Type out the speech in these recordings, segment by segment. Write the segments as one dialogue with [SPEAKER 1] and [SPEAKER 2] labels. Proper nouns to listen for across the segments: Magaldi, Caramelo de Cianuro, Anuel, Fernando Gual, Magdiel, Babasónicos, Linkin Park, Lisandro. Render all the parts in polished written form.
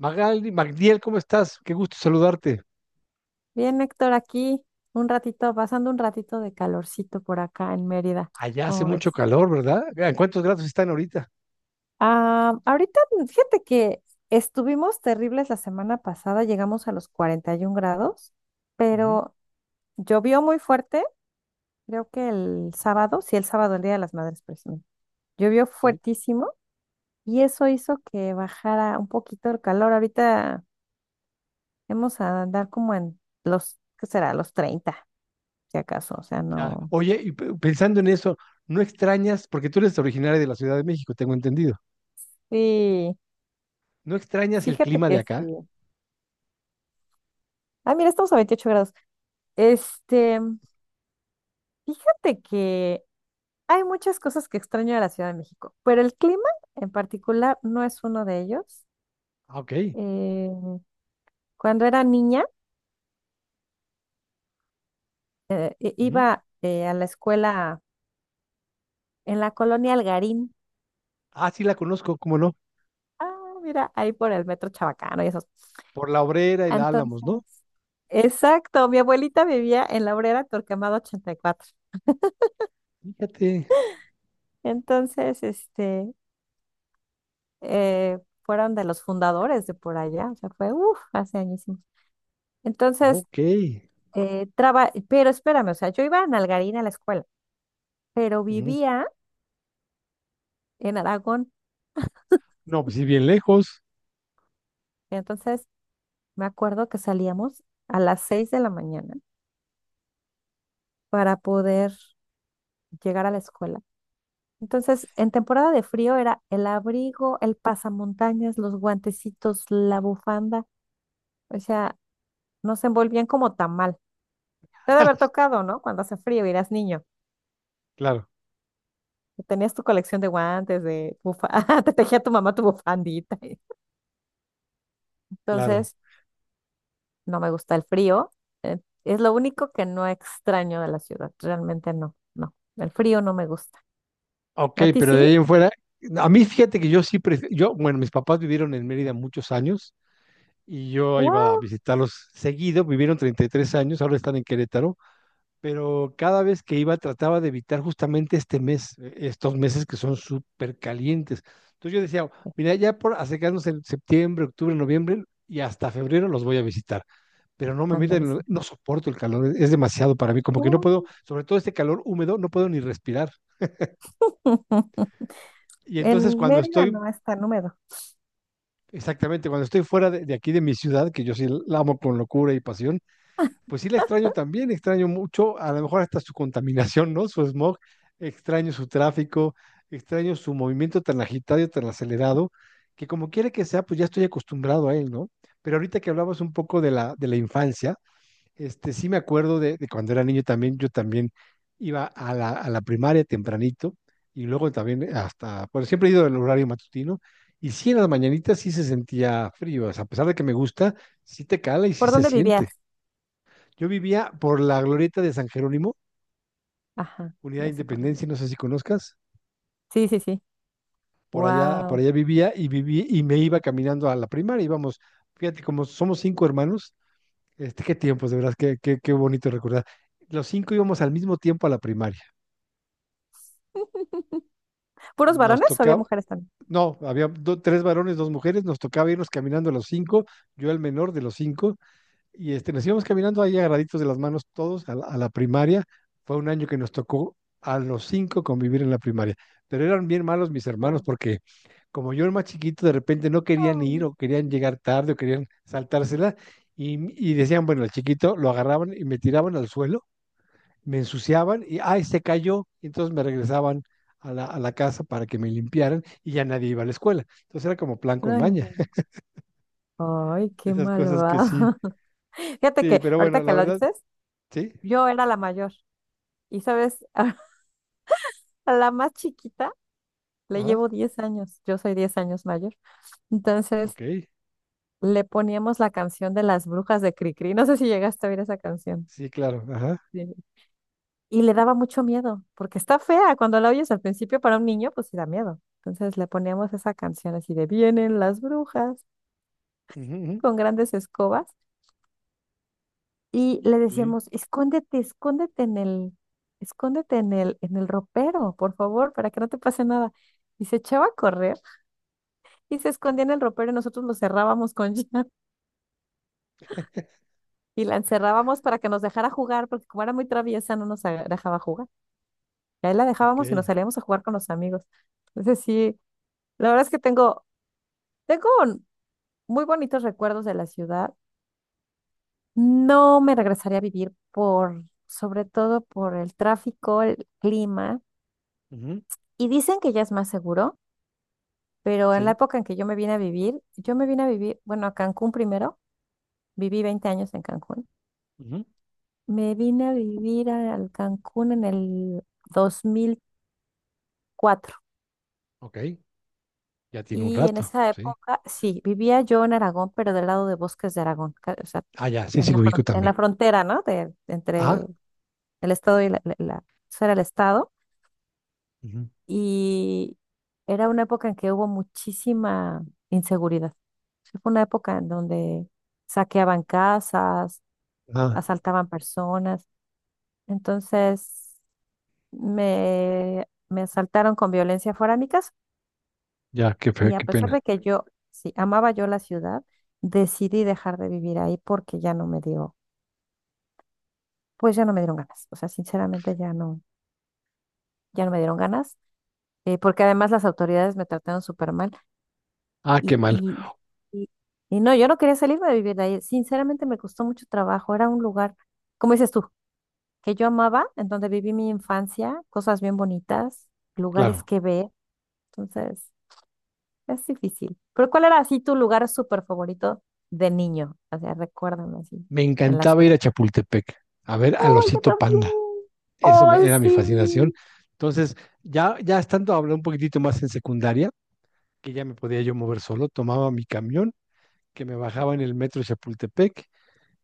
[SPEAKER 1] Magaldi, Magdiel, ¿cómo estás? Qué gusto saludarte.
[SPEAKER 2] Bien, Héctor, aquí un ratito, pasando un ratito de calorcito por acá en Mérida,
[SPEAKER 1] Allá hace
[SPEAKER 2] ¿cómo
[SPEAKER 1] mucho
[SPEAKER 2] ves?
[SPEAKER 1] calor, ¿verdad? ¿En cuántos grados están ahorita?
[SPEAKER 2] Ah, ahorita, fíjate que estuvimos terribles la semana pasada, llegamos a los 41 grados,
[SPEAKER 1] Ujú,
[SPEAKER 2] pero llovió muy fuerte, creo que el sábado, sí, el sábado, el Día de las Madres precisamente, llovió
[SPEAKER 1] sí,
[SPEAKER 2] fuertísimo y eso hizo que bajara un poquito el calor. Ahorita vamos a andar como en los, ¿qué será? Los 30, si acaso, o sea,
[SPEAKER 1] ya.
[SPEAKER 2] no.
[SPEAKER 1] Oye, y pensando en eso, ¿no extrañas, porque tú eres originaria de la Ciudad de México, tengo entendido,
[SPEAKER 2] Sí.
[SPEAKER 1] ¿no extrañas el
[SPEAKER 2] Fíjate
[SPEAKER 1] clima de
[SPEAKER 2] que
[SPEAKER 1] acá?
[SPEAKER 2] sí. Ah, mira, estamos a 28 grados. Este, fíjate que hay muchas cosas que extraño de la Ciudad de México, pero el clima en particular no es uno de ellos.
[SPEAKER 1] Ah, ok.
[SPEAKER 2] Eh, cuando era niña,
[SPEAKER 1] Ujú.
[SPEAKER 2] iba a la escuela en la colonia Algarín.
[SPEAKER 1] Ah, sí la conozco, ¿cómo no?
[SPEAKER 2] Ah, mira, ahí por el metro Chabacano y esos.
[SPEAKER 1] Por la Obrera y la Álamos, ¿no?
[SPEAKER 2] Entonces, exacto, mi abuelita vivía en la Obrera Torquemada 84.
[SPEAKER 1] Fíjate.
[SPEAKER 2] Entonces, fueron de los fundadores de por allá, o sea, fue, uff, hace añísimos. Entonces,
[SPEAKER 1] Ok.
[SPEAKER 2] pero espérame, o sea, yo iba a Nalgarín a la escuela, pero
[SPEAKER 1] Ujú.
[SPEAKER 2] vivía en Aragón,
[SPEAKER 1] No, pues sí, bien lejos.
[SPEAKER 2] entonces me acuerdo que salíamos a las 6 de la mañana para poder llegar a la escuela. Entonces, en temporada de frío era el abrigo, el pasamontañas, los guantecitos, la bufanda, o sea, nos envolvían como tamal. Te ha de haber tocado, ¿no? Cuando hace frío y eras niño.
[SPEAKER 1] Claro,
[SPEAKER 2] Tenías tu colección de guantes, de bufanda, te tejía tu mamá tu bufandita.
[SPEAKER 1] claro.
[SPEAKER 2] Entonces, no me gusta el frío. Es lo único que no extraño de la ciudad. Realmente no, no. El frío no me gusta.
[SPEAKER 1] Ok,
[SPEAKER 2] ¿A ti
[SPEAKER 1] pero de
[SPEAKER 2] sí?
[SPEAKER 1] ahí en fuera, a mí fíjate que yo sí, yo, bueno, mis papás vivieron en Mérida muchos años y yo iba a
[SPEAKER 2] ¡Wow!
[SPEAKER 1] visitarlos seguido, vivieron 33 años, ahora están en Querétaro, pero cada vez que iba trataba de evitar justamente este mes, estos meses que son súper calientes. Entonces yo decía, mira, ya por acercarnos en septiembre, octubre, noviembre y hasta febrero los voy a visitar, pero no me meten,
[SPEAKER 2] Ándale, sí.
[SPEAKER 1] no soporto el calor, es demasiado para mí, como que no
[SPEAKER 2] ¡Guau!
[SPEAKER 1] puedo, sobre todo este calor húmedo, no puedo ni respirar. Y entonces
[SPEAKER 2] En
[SPEAKER 1] cuando
[SPEAKER 2] Mérida
[SPEAKER 1] estoy
[SPEAKER 2] no es tan húmedo.
[SPEAKER 1] exactamente, cuando estoy fuera de aquí de mi ciudad, que yo sí la amo con locura y pasión. Pues sí, la extraño también, extraño mucho, a lo mejor hasta su contaminación, ¿no? Su smog, extraño su tráfico, extraño su movimiento tan agitado y tan acelerado, que como quiera que sea, pues ya estoy acostumbrado a él, ¿no? Pero ahorita que hablabas un poco de la infancia, este, sí me acuerdo de cuando era niño también, yo también iba a la primaria tempranito y luego también hasta, bueno, siempre he ido al horario matutino y sí en las mañanitas sí se sentía frío, o sea, a pesar de que me gusta, sí te cala y sí
[SPEAKER 2] ¿Por
[SPEAKER 1] se
[SPEAKER 2] dónde
[SPEAKER 1] siente.
[SPEAKER 2] vivías?
[SPEAKER 1] Yo vivía por la glorieta de San Jerónimo,
[SPEAKER 2] Ajá,
[SPEAKER 1] Unidad de
[SPEAKER 2] ya sé por dónde.
[SPEAKER 1] Independencia, no sé si conozcas.
[SPEAKER 2] Sí, sí, sí.
[SPEAKER 1] Por
[SPEAKER 2] ¡Wow!
[SPEAKER 1] allá vivía y viví y me iba caminando a la primaria. Íbamos, fíjate, como somos cinco hermanos, este, qué tiempos, de verdad, qué, qué, qué bonito recordar. Los cinco íbamos al mismo tiempo a la primaria.
[SPEAKER 2] ¿Puros
[SPEAKER 1] Nos
[SPEAKER 2] varones o había
[SPEAKER 1] tocaba,
[SPEAKER 2] mujeres también?
[SPEAKER 1] no, había tres varones, dos mujeres, nos tocaba irnos caminando los cinco, yo el menor de los cinco, y este, nos íbamos caminando ahí agarraditos de las manos todos a la primaria. Fue un año que nos tocó a los cinco convivir en la primaria, pero eran bien malos mis hermanos
[SPEAKER 2] Guau.
[SPEAKER 1] porque como yo era más chiquito, de repente no querían ir
[SPEAKER 2] Oh,
[SPEAKER 1] o querían llegar tarde o querían saltársela y, y decían, bueno, el chiquito lo agarraban y me tiraban al suelo, me ensuciaban y, ay, se cayó, y entonces me regresaban a la casa para que me limpiaran y ya nadie iba a la escuela. Entonces era como plan con
[SPEAKER 2] ay,
[SPEAKER 1] maña,
[SPEAKER 2] men. Ay, qué
[SPEAKER 1] esas cosas que sí,
[SPEAKER 2] malvado. Fíjate
[SPEAKER 1] sí,
[SPEAKER 2] que
[SPEAKER 1] pero
[SPEAKER 2] ahorita
[SPEAKER 1] bueno,
[SPEAKER 2] que
[SPEAKER 1] la
[SPEAKER 2] lo
[SPEAKER 1] verdad,
[SPEAKER 2] dices,
[SPEAKER 1] sí.
[SPEAKER 2] yo era la mayor. Y sabes, a la más chiquita le
[SPEAKER 1] Ajá.
[SPEAKER 2] llevo 10 años. Yo soy 10 años mayor. Entonces
[SPEAKER 1] Ok,
[SPEAKER 2] le poníamos la canción de las brujas de Cricri. No sé si llegaste a oír esa canción.
[SPEAKER 1] sí, claro, ajá.
[SPEAKER 2] Sí. Y le daba mucho miedo, porque está fea. Cuando la oyes al principio para un niño, pues sí da miedo. Entonces le poníamos esa canción así de vienen las brujas
[SPEAKER 1] Ujú, ujú,
[SPEAKER 2] con grandes escobas y le
[SPEAKER 1] sí,
[SPEAKER 2] decíamos, escóndete, escóndete en el ropero, por favor, para que no te pase nada. Y se echaba a correr y se escondía en el ropero y nosotros lo cerrábamos con llave y la encerrábamos para que nos dejara jugar, porque como era muy traviesa, no nos dejaba jugar. Y ahí la dejábamos y nos
[SPEAKER 1] ok.
[SPEAKER 2] salíamos a jugar con los amigos. Entonces sí, la verdad es que tengo muy bonitos recuerdos de la ciudad. No me regresaría a vivir por, sobre todo por el tráfico, el clima.
[SPEAKER 1] Ujú,
[SPEAKER 2] Y dicen que ya es más seguro, pero en la
[SPEAKER 1] sí,
[SPEAKER 2] época en que yo me vine a vivir, bueno, a Cancún primero, viví 20 años en Cancún.
[SPEAKER 1] ujú,
[SPEAKER 2] Me vine a vivir al Cancún en el 2004
[SPEAKER 1] ok. Ya tiene un
[SPEAKER 2] y en
[SPEAKER 1] rato,
[SPEAKER 2] esa
[SPEAKER 1] sí.
[SPEAKER 2] época, sí, vivía yo en Aragón, pero del lado de Bosques de Aragón, o sea,
[SPEAKER 1] Ah, ya, sí, sí,
[SPEAKER 2] en la,
[SPEAKER 1] lo ubico
[SPEAKER 2] fron- en
[SPEAKER 1] también.
[SPEAKER 2] la frontera, ¿no? De, entre
[SPEAKER 1] Ah,
[SPEAKER 2] el estado y eso era el estado
[SPEAKER 1] ujú,
[SPEAKER 2] y era una época en que hubo muchísima inseguridad. Sí, fue una época en donde saqueaban casas,
[SPEAKER 1] ah,
[SPEAKER 2] asaltaban personas, entonces me asaltaron con violencia fuera de mi casa
[SPEAKER 1] ya,
[SPEAKER 2] y a
[SPEAKER 1] qué
[SPEAKER 2] pesar
[SPEAKER 1] pena.
[SPEAKER 2] de que yo, sí, amaba yo la ciudad, decidí dejar de vivir ahí porque ya no me dio, pues ya no me dieron ganas. O sea, sinceramente ya no me dieron ganas, porque además las autoridades me trataron súper mal
[SPEAKER 1] Ah, qué
[SPEAKER 2] y,
[SPEAKER 1] mal,
[SPEAKER 2] y, y, y no, yo no quería salirme de vivir de ahí. Sinceramente me costó mucho trabajo. Era un lugar, como dices tú, que yo amaba, en donde viví mi infancia, cosas bien bonitas, lugares
[SPEAKER 1] claro.
[SPEAKER 2] que ver. Entonces. Es difícil. ¿Pero cuál era así tu lugar súper favorito de niño? O sea, recuérdame así,
[SPEAKER 1] Me
[SPEAKER 2] en la
[SPEAKER 1] encantaba ir
[SPEAKER 2] ciudad.
[SPEAKER 1] a Chapultepec, a ver al
[SPEAKER 2] ¡Oh, yo
[SPEAKER 1] osito
[SPEAKER 2] también!
[SPEAKER 1] panda.
[SPEAKER 2] ¡Oh,
[SPEAKER 1] Era mi fascinación.
[SPEAKER 2] sí!
[SPEAKER 1] Entonces, ya, ya estando hablando un poquitito más en secundaria, que ya me podía yo mover solo, tomaba mi camión, que me bajaba en el metro de Chapultepec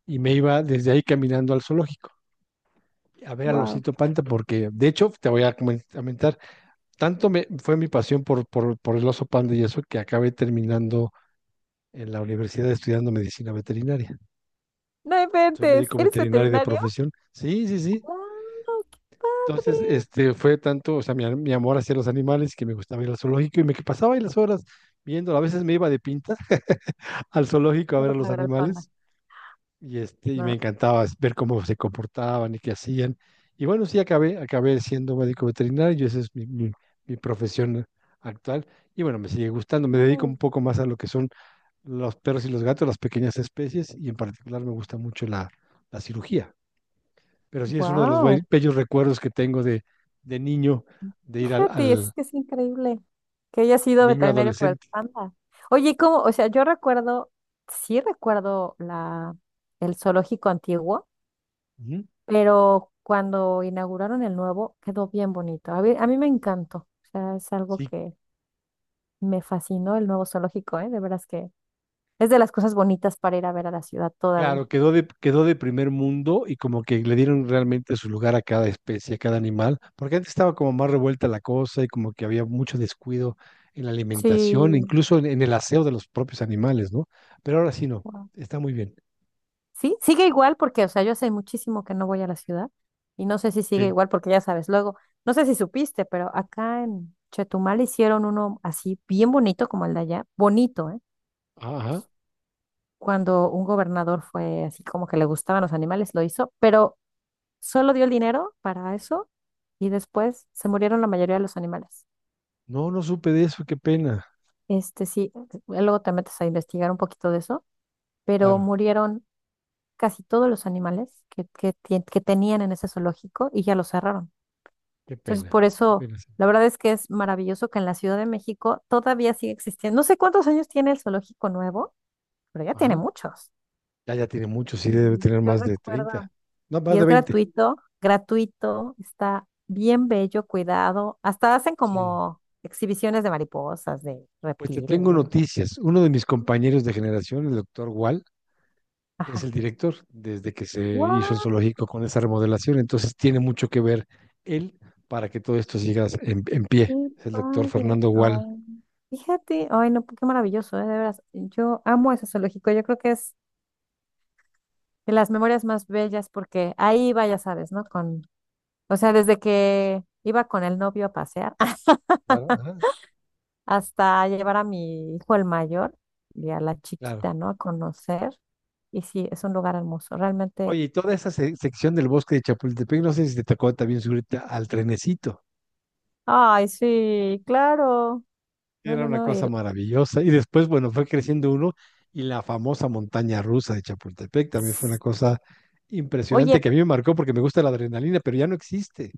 [SPEAKER 1] y me iba desde ahí caminando al zoológico, a ver al
[SPEAKER 2] ¡Wow!
[SPEAKER 1] Osito Panda, porque de hecho te voy a comentar, fue mi pasión por por el oso panda y eso que acabé terminando en la universidad estudiando medicina veterinaria.
[SPEAKER 2] No
[SPEAKER 1] Soy
[SPEAKER 2] inventes.
[SPEAKER 1] médico
[SPEAKER 2] ¿Eres
[SPEAKER 1] veterinario de
[SPEAKER 2] veterinario?
[SPEAKER 1] profesión. Sí, sí, sí.
[SPEAKER 2] ¡Wow! ¡Qué padre!
[SPEAKER 1] Entonces, este fue tanto, o sea, mi amor hacia los animales que me gustaba ir al zoológico y me que pasaba ahí las horas viendo, a veces me iba de pinta al zoológico a ver a
[SPEAKER 2] Solo
[SPEAKER 1] los
[SPEAKER 2] para ver al panda.
[SPEAKER 1] animales y, este, y me
[SPEAKER 2] No.
[SPEAKER 1] encantaba ver cómo se comportaban y qué hacían. Y bueno, sí, acabé, acabé siendo médico veterinario, esa es mi profesión actual. Y bueno, me sigue gustando, me dedico un poco más a lo que son los perros y los gatos, las pequeñas especies, y en particular me gusta mucho la cirugía. Pero sí es uno de los
[SPEAKER 2] ¡Wow!
[SPEAKER 1] bellos recuerdos que tengo de niño, de ir
[SPEAKER 2] Fíjate, es
[SPEAKER 1] al
[SPEAKER 2] que es increíble que haya sido
[SPEAKER 1] niño
[SPEAKER 2] veterinario por el
[SPEAKER 1] adolescente.
[SPEAKER 2] panda. Oye, ¿cómo? O sea, yo recuerdo, sí recuerdo el zoológico antiguo.
[SPEAKER 1] Ujú.
[SPEAKER 2] Pero cuando inauguraron el nuevo quedó bien bonito. A mí me encantó, o sea, es algo
[SPEAKER 1] Sí,
[SPEAKER 2] que me fascinó el nuevo zoológico, ¿eh? De veras que es de las cosas bonitas para ir a ver a la ciudad todavía.
[SPEAKER 1] claro, quedó de primer mundo y como que le dieron realmente su lugar a cada especie, a cada animal, porque antes estaba como más revuelta la cosa y como que había mucho descuido en la alimentación,
[SPEAKER 2] Sí,
[SPEAKER 1] incluso en el aseo de los propios animales, ¿no? Pero ahora sí no,
[SPEAKER 2] wow.
[SPEAKER 1] está muy bien.
[SPEAKER 2] Sí, sigue igual porque, o sea, yo hace muchísimo que no voy a la ciudad y no sé si sigue
[SPEAKER 1] Sí.
[SPEAKER 2] igual porque ya sabes, luego, no sé si supiste, pero acá en Chetumal hicieron uno así bien bonito como el de allá, bonito, ¿eh?
[SPEAKER 1] Ajá.
[SPEAKER 2] Cuando un gobernador fue así como que le gustaban los animales, lo hizo, pero solo dio el dinero para eso y después se murieron la mayoría de los animales.
[SPEAKER 1] No, no supe de eso, qué pena.
[SPEAKER 2] Este sí, luego te metes a investigar un poquito de eso, pero
[SPEAKER 1] Claro,
[SPEAKER 2] murieron casi todos los animales que tenían en ese zoológico y ya lo cerraron.
[SPEAKER 1] qué
[SPEAKER 2] Entonces,
[SPEAKER 1] pena.
[SPEAKER 2] por
[SPEAKER 1] Qué
[SPEAKER 2] eso,
[SPEAKER 1] pena, sí.
[SPEAKER 2] la verdad es que es maravilloso que en la Ciudad de México todavía sigue existiendo. No sé cuántos años tiene el zoológico nuevo, pero ya tiene
[SPEAKER 1] Ajá.
[SPEAKER 2] muchos.
[SPEAKER 1] Ya, ya tiene mucho, sí, debe
[SPEAKER 2] Y
[SPEAKER 1] tener
[SPEAKER 2] yo
[SPEAKER 1] más de 30.
[SPEAKER 2] recuerdo.
[SPEAKER 1] No, más
[SPEAKER 2] Y
[SPEAKER 1] de
[SPEAKER 2] es
[SPEAKER 1] 20.
[SPEAKER 2] gratuito, gratuito, está bien bello, cuidado. Hasta hacen
[SPEAKER 1] Sí.
[SPEAKER 2] como exhibiciones de mariposas, de
[SPEAKER 1] Pues te
[SPEAKER 2] reptiles,
[SPEAKER 1] tengo
[SPEAKER 2] de no sé.
[SPEAKER 1] noticias. Uno de mis compañeros de generación, el doctor Wall, es
[SPEAKER 2] Ajá.
[SPEAKER 1] el director desde que se hizo el
[SPEAKER 2] ¡Wow!
[SPEAKER 1] zoológico con esa remodelación, entonces tiene mucho que ver él para que todo esto siga en pie.
[SPEAKER 2] ¡Qué
[SPEAKER 1] Es el doctor
[SPEAKER 2] padre!
[SPEAKER 1] Fernando Gual.
[SPEAKER 2] Oh, fíjate, ay, no, qué maravilloso, de veras. Yo amo ese zoológico, yo creo que es de las memorias más bellas porque ahí iba, ya sabes, ¿no? Con, o sea, desde que iba con el novio a pasear.
[SPEAKER 1] Claro, ajá,
[SPEAKER 2] Hasta llevar a mi hijo el mayor y a la
[SPEAKER 1] claro.
[SPEAKER 2] chiquita, ¿no? A conocer. Y sí, es un lugar hermoso, realmente.
[SPEAKER 1] Oye, y toda esa sección del bosque de Chapultepec, no sé si te tocó también subirte al trenecito.
[SPEAKER 2] Ay, sí, claro. No,
[SPEAKER 1] Era
[SPEAKER 2] no,
[SPEAKER 1] una
[SPEAKER 2] no.
[SPEAKER 1] cosa maravillosa. Y después, bueno, fue creciendo uno y la famosa montaña rusa de Chapultepec también fue una cosa
[SPEAKER 2] Oye,
[SPEAKER 1] impresionante que a mí me marcó porque me gusta la adrenalina, pero ya no existe.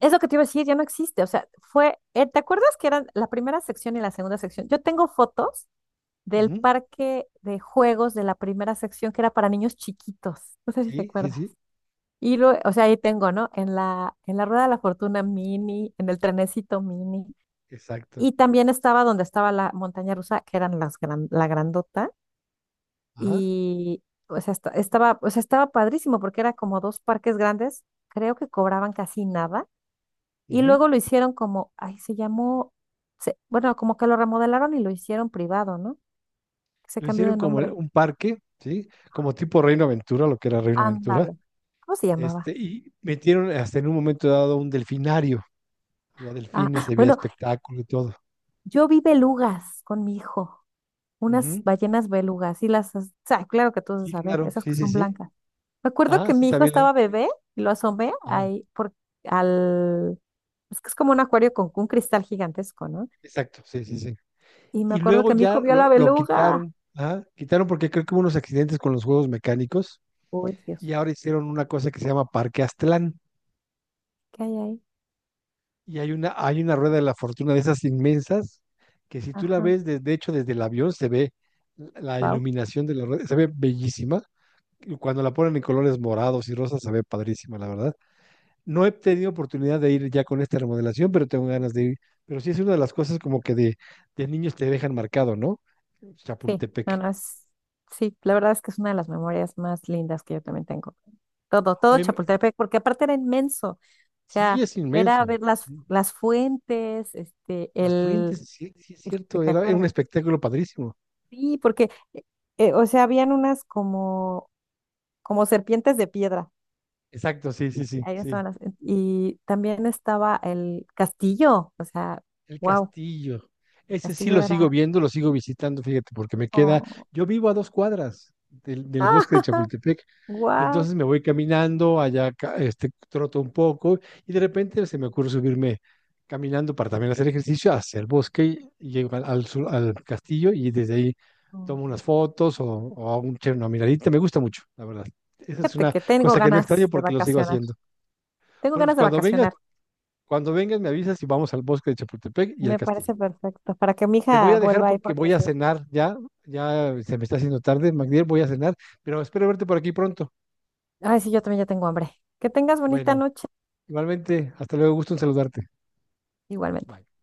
[SPEAKER 2] eso que te iba a decir ya no existe. O sea, fue, ¿te acuerdas que eran la primera sección y la segunda sección? Yo tengo fotos del
[SPEAKER 1] Ujú,
[SPEAKER 2] parque de juegos de la primera sección que era para niños chiquitos. No sé si te
[SPEAKER 1] sí, sí,
[SPEAKER 2] acuerdas.
[SPEAKER 1] sí,
[SPEAKER 2] Y luego, o sea, ahí tengo, ¿no? En la rueda de la fortuna mini, en el trenecito mini.
[SPEAKER 1] exacto.
[SPEAKER 2] Y también estaba donde estaba la montaña rusa, que eran la grandota,
[SPEAKER 1] Ajá.
[SPEAKER 2] y o sea, o sea, estaba padrísimo porque era como dos parques grandes, creo que cobraban casi nada, y
[SPEAKER 1] Ujú.
[SPEAKER 2] luego lo hicieron como, ay, se llamó, bueno, como que lo remodelaron y lo hicieron privado, ¿no? Se
[SPEAKER 1] Lo
[SPEAKER 2] cambió
[SPEAKER 1] hicieron
[SPEAKER 2] de
[SPEAKER 1] como
[SPEAKER 2] nombre.
[SPEAKER 1] un parque, ¿sí? Como tipo Reino Aventura, lo que era Reino Aventura.
[SPEAKER 2] Ándale. ¿Cómo se
[SPEAKER 1] Este,
[SPEAKER 2] llamaba?
[SPEAKER 1] y metieron hasta en un momento dado un delfinario. Había
[SPEAKER 2] Ah,
[SPEAKER 1] delfines, y había
[SPEAKER 2] bueno,
[SPEAKER 1] espectáculo y todo.
[SPEAKER 2] yo vi belugas con mi hijo, unas
[SPEAKER 1] Ujú.
[SPEAKER 2] ballenas belugas, y o sea, claro que tú debes
[SPEAKER 1] Sí,
[SPEAKER 2] saber,
[SPEAKER 1] claro,
[SPEAKER 2] esas
[SPEAKER 1] sí,
[SPEAKER 2] que
[SPEAKER 1] sí,
[SPEAKER 2] son
[SPEAKER 1] sí.
[SPEAKER 2] blancas. Me acuerdo
[SPEAKER 1] Ah,
[SPEAKER 2] que
[SPEAKER 1] sí,
[SPEAKER 2] mi hijo
[SPEAKER 1] también.
[SPEAKER 2] estaba bebé y lo asomé
[SPEAKER 1] Ah,
[SPEAKER 2] ahí por, al. Es que es como un acuario con un cristal gigantesco, ¿no?
[SPEAKER 1] exacto, sí, sí, sí.
[SPEAKER 2] Y me
[SPEAKER 1] Y
[SPEAKER 2] acuerdo
[SPEAKER 1] luego
[SPEAKER 2] que mi hijo
[SPEAKER 1] ya
[SPEAKER 2] vio la
[SPEAKER 1] lo
[SPEAKER 2] beluga.
[SPEAKER 1] quitaron, ah, quitaron porque creo que hubo unos accidentes con los juegos mecánicos
[SPEAKER 2] Uy, Dios,
[SPEAKER 1] y ahora hicieron una cosa que se llama Parque Aztlán.
[SPEAKER 2] ¿qué hay ahí?
[SPEAKER 1] Y hay una rueda de la fortuna de esas inmensas que si tú la
[SPEAKER 2] Ajá,
[SPEAKER 1] ves, de hecho desde el avión se ve la
[SPEAKER 2] wow.
[SPEAKER 1] iluminación de la rueda, se ve bellísima. Y cuando la ponen en colores morados y rosas se ve padrísima, la verdad. No he tenido oportunidad de ir ya con esta remodelación, pero tengo ganas de ir. Pero sí es una de las cosas como que de niños te dejan marcado, ¿no?
[SPEAKER 2] Sí, no,
[SPEAKER 1] Chapultepec.
[SPEAKER 2] no, es. Sí, la verdad es que es una de las memorias más lindas que yo también tengo. Todo, todo
[SPEAKER 1] Oye,
[SPEAKER 2] Chapultepec, porque aparte era inmenso. O sea,
[SPEAKER 1] sí es
[SPEAKER 2] era
[SPEAKER 1] inmenso.
[SPEAKER 2] ver las,
[SPEAKER 1] Sí.
[SPEAKER 2] las fuentes.
[SPEAKER 1] Las fuentes, sí, sí es
[SPEAKER 2] El-
[SPEAKER 1] cierto,
[SPEAKER 2] ¿Te
[SPEAKER 1] era un
[SPEAKER 2] acuerdas?
[SPEAKER 1] espectáculo padrísimo.
[SPEAKER 2] Sí, porque, o sea, habían unas como serpientes de piedra.
[SPEAKER 1] Exacto, sí,
[SPEAKER 2] Y
[SPEAKER 1] sí, sí,
[SPEAKER 2] ahí
[SPEAKER 1] sí.
[SPEAKER 2] estaban y también estaba el castillo, o sea,
[SPEAKER 1] El
[SPEAKER 2] wow,
[SPEAKER 1] castillo.
[SPEAKER 2] el
[SPEAKER 1] Ese sí
[SPEAKER 2] castillo
[SPEAKER 1] lo sigo
[SPEAKER 2] era,
[SPEAKER 1] viendo, lo sigo visitando, fíjate, porque me queda,
[SPEAKER 2] oh,
[SPEAKER 1] yo vivo a 2 cuadras del bosque de Chapultepec,
[SPEAKER 2] wow.
[SPEAKER 1] entonces me voy caminando, allá este, troto un poco y de repente se me ocurre subirme caminando para también hacer ejercicio hacia el bosque y llego al castillo y desde ahí tomo unas fotos o hago un, una miradita, me gusta mucho, la verdad. Esa es
[SPEAKER 2] Fíjate
[SPEAKER 1] una
[SPEAKER 2] que tengo
[SPEAKER 1] cosa que no extraño
[SPEAKER 2] ganas de
[SPEAKER 1] porque lo sigo
[SPEAKER 2] vacacionar.
[SPEAKER 1] haciendo.
[SPEAKER 2] Tengo
[SPEAKER 1] Bueno, pues
[SPEAKER 2] ganas de vacacionar.
[SPEAKER 1] cuando vengas me avisas y vamos al bosque de Chapultepec y al
[SPEAKER 2] Me
[SPEAKER 1] castillo.
[SPEAKER 2] parece perfecto para que mi
[SPEAKER 1] Te voy
[SPEAKER 2] hija
[SPEAKER 1] a dejar
[SPEAKER 2] vuelva ahí
[SPEAKER 1] porque
[SPEAKER 2] porque
[SPEAKER 1] voy a
[SPEAKER 2] sí.
[SPEAKER 1] cenar ya. Ya se me está haciendo tarde, Magdiel, voy a cenar, pero espero verte por aquí pronto.
[SPEAKER 2] Ay, sí, yo también ya tengo hambre. Que tengas bonita
[SPEAKER 1] Bueno,
[SPEAKER 2] noche.
[SPEAKER 1] igualmente, hasta luego, gusto en saludarte.
[SPEAKER 2] Igualmente.
[SPEAKER 1] Bye.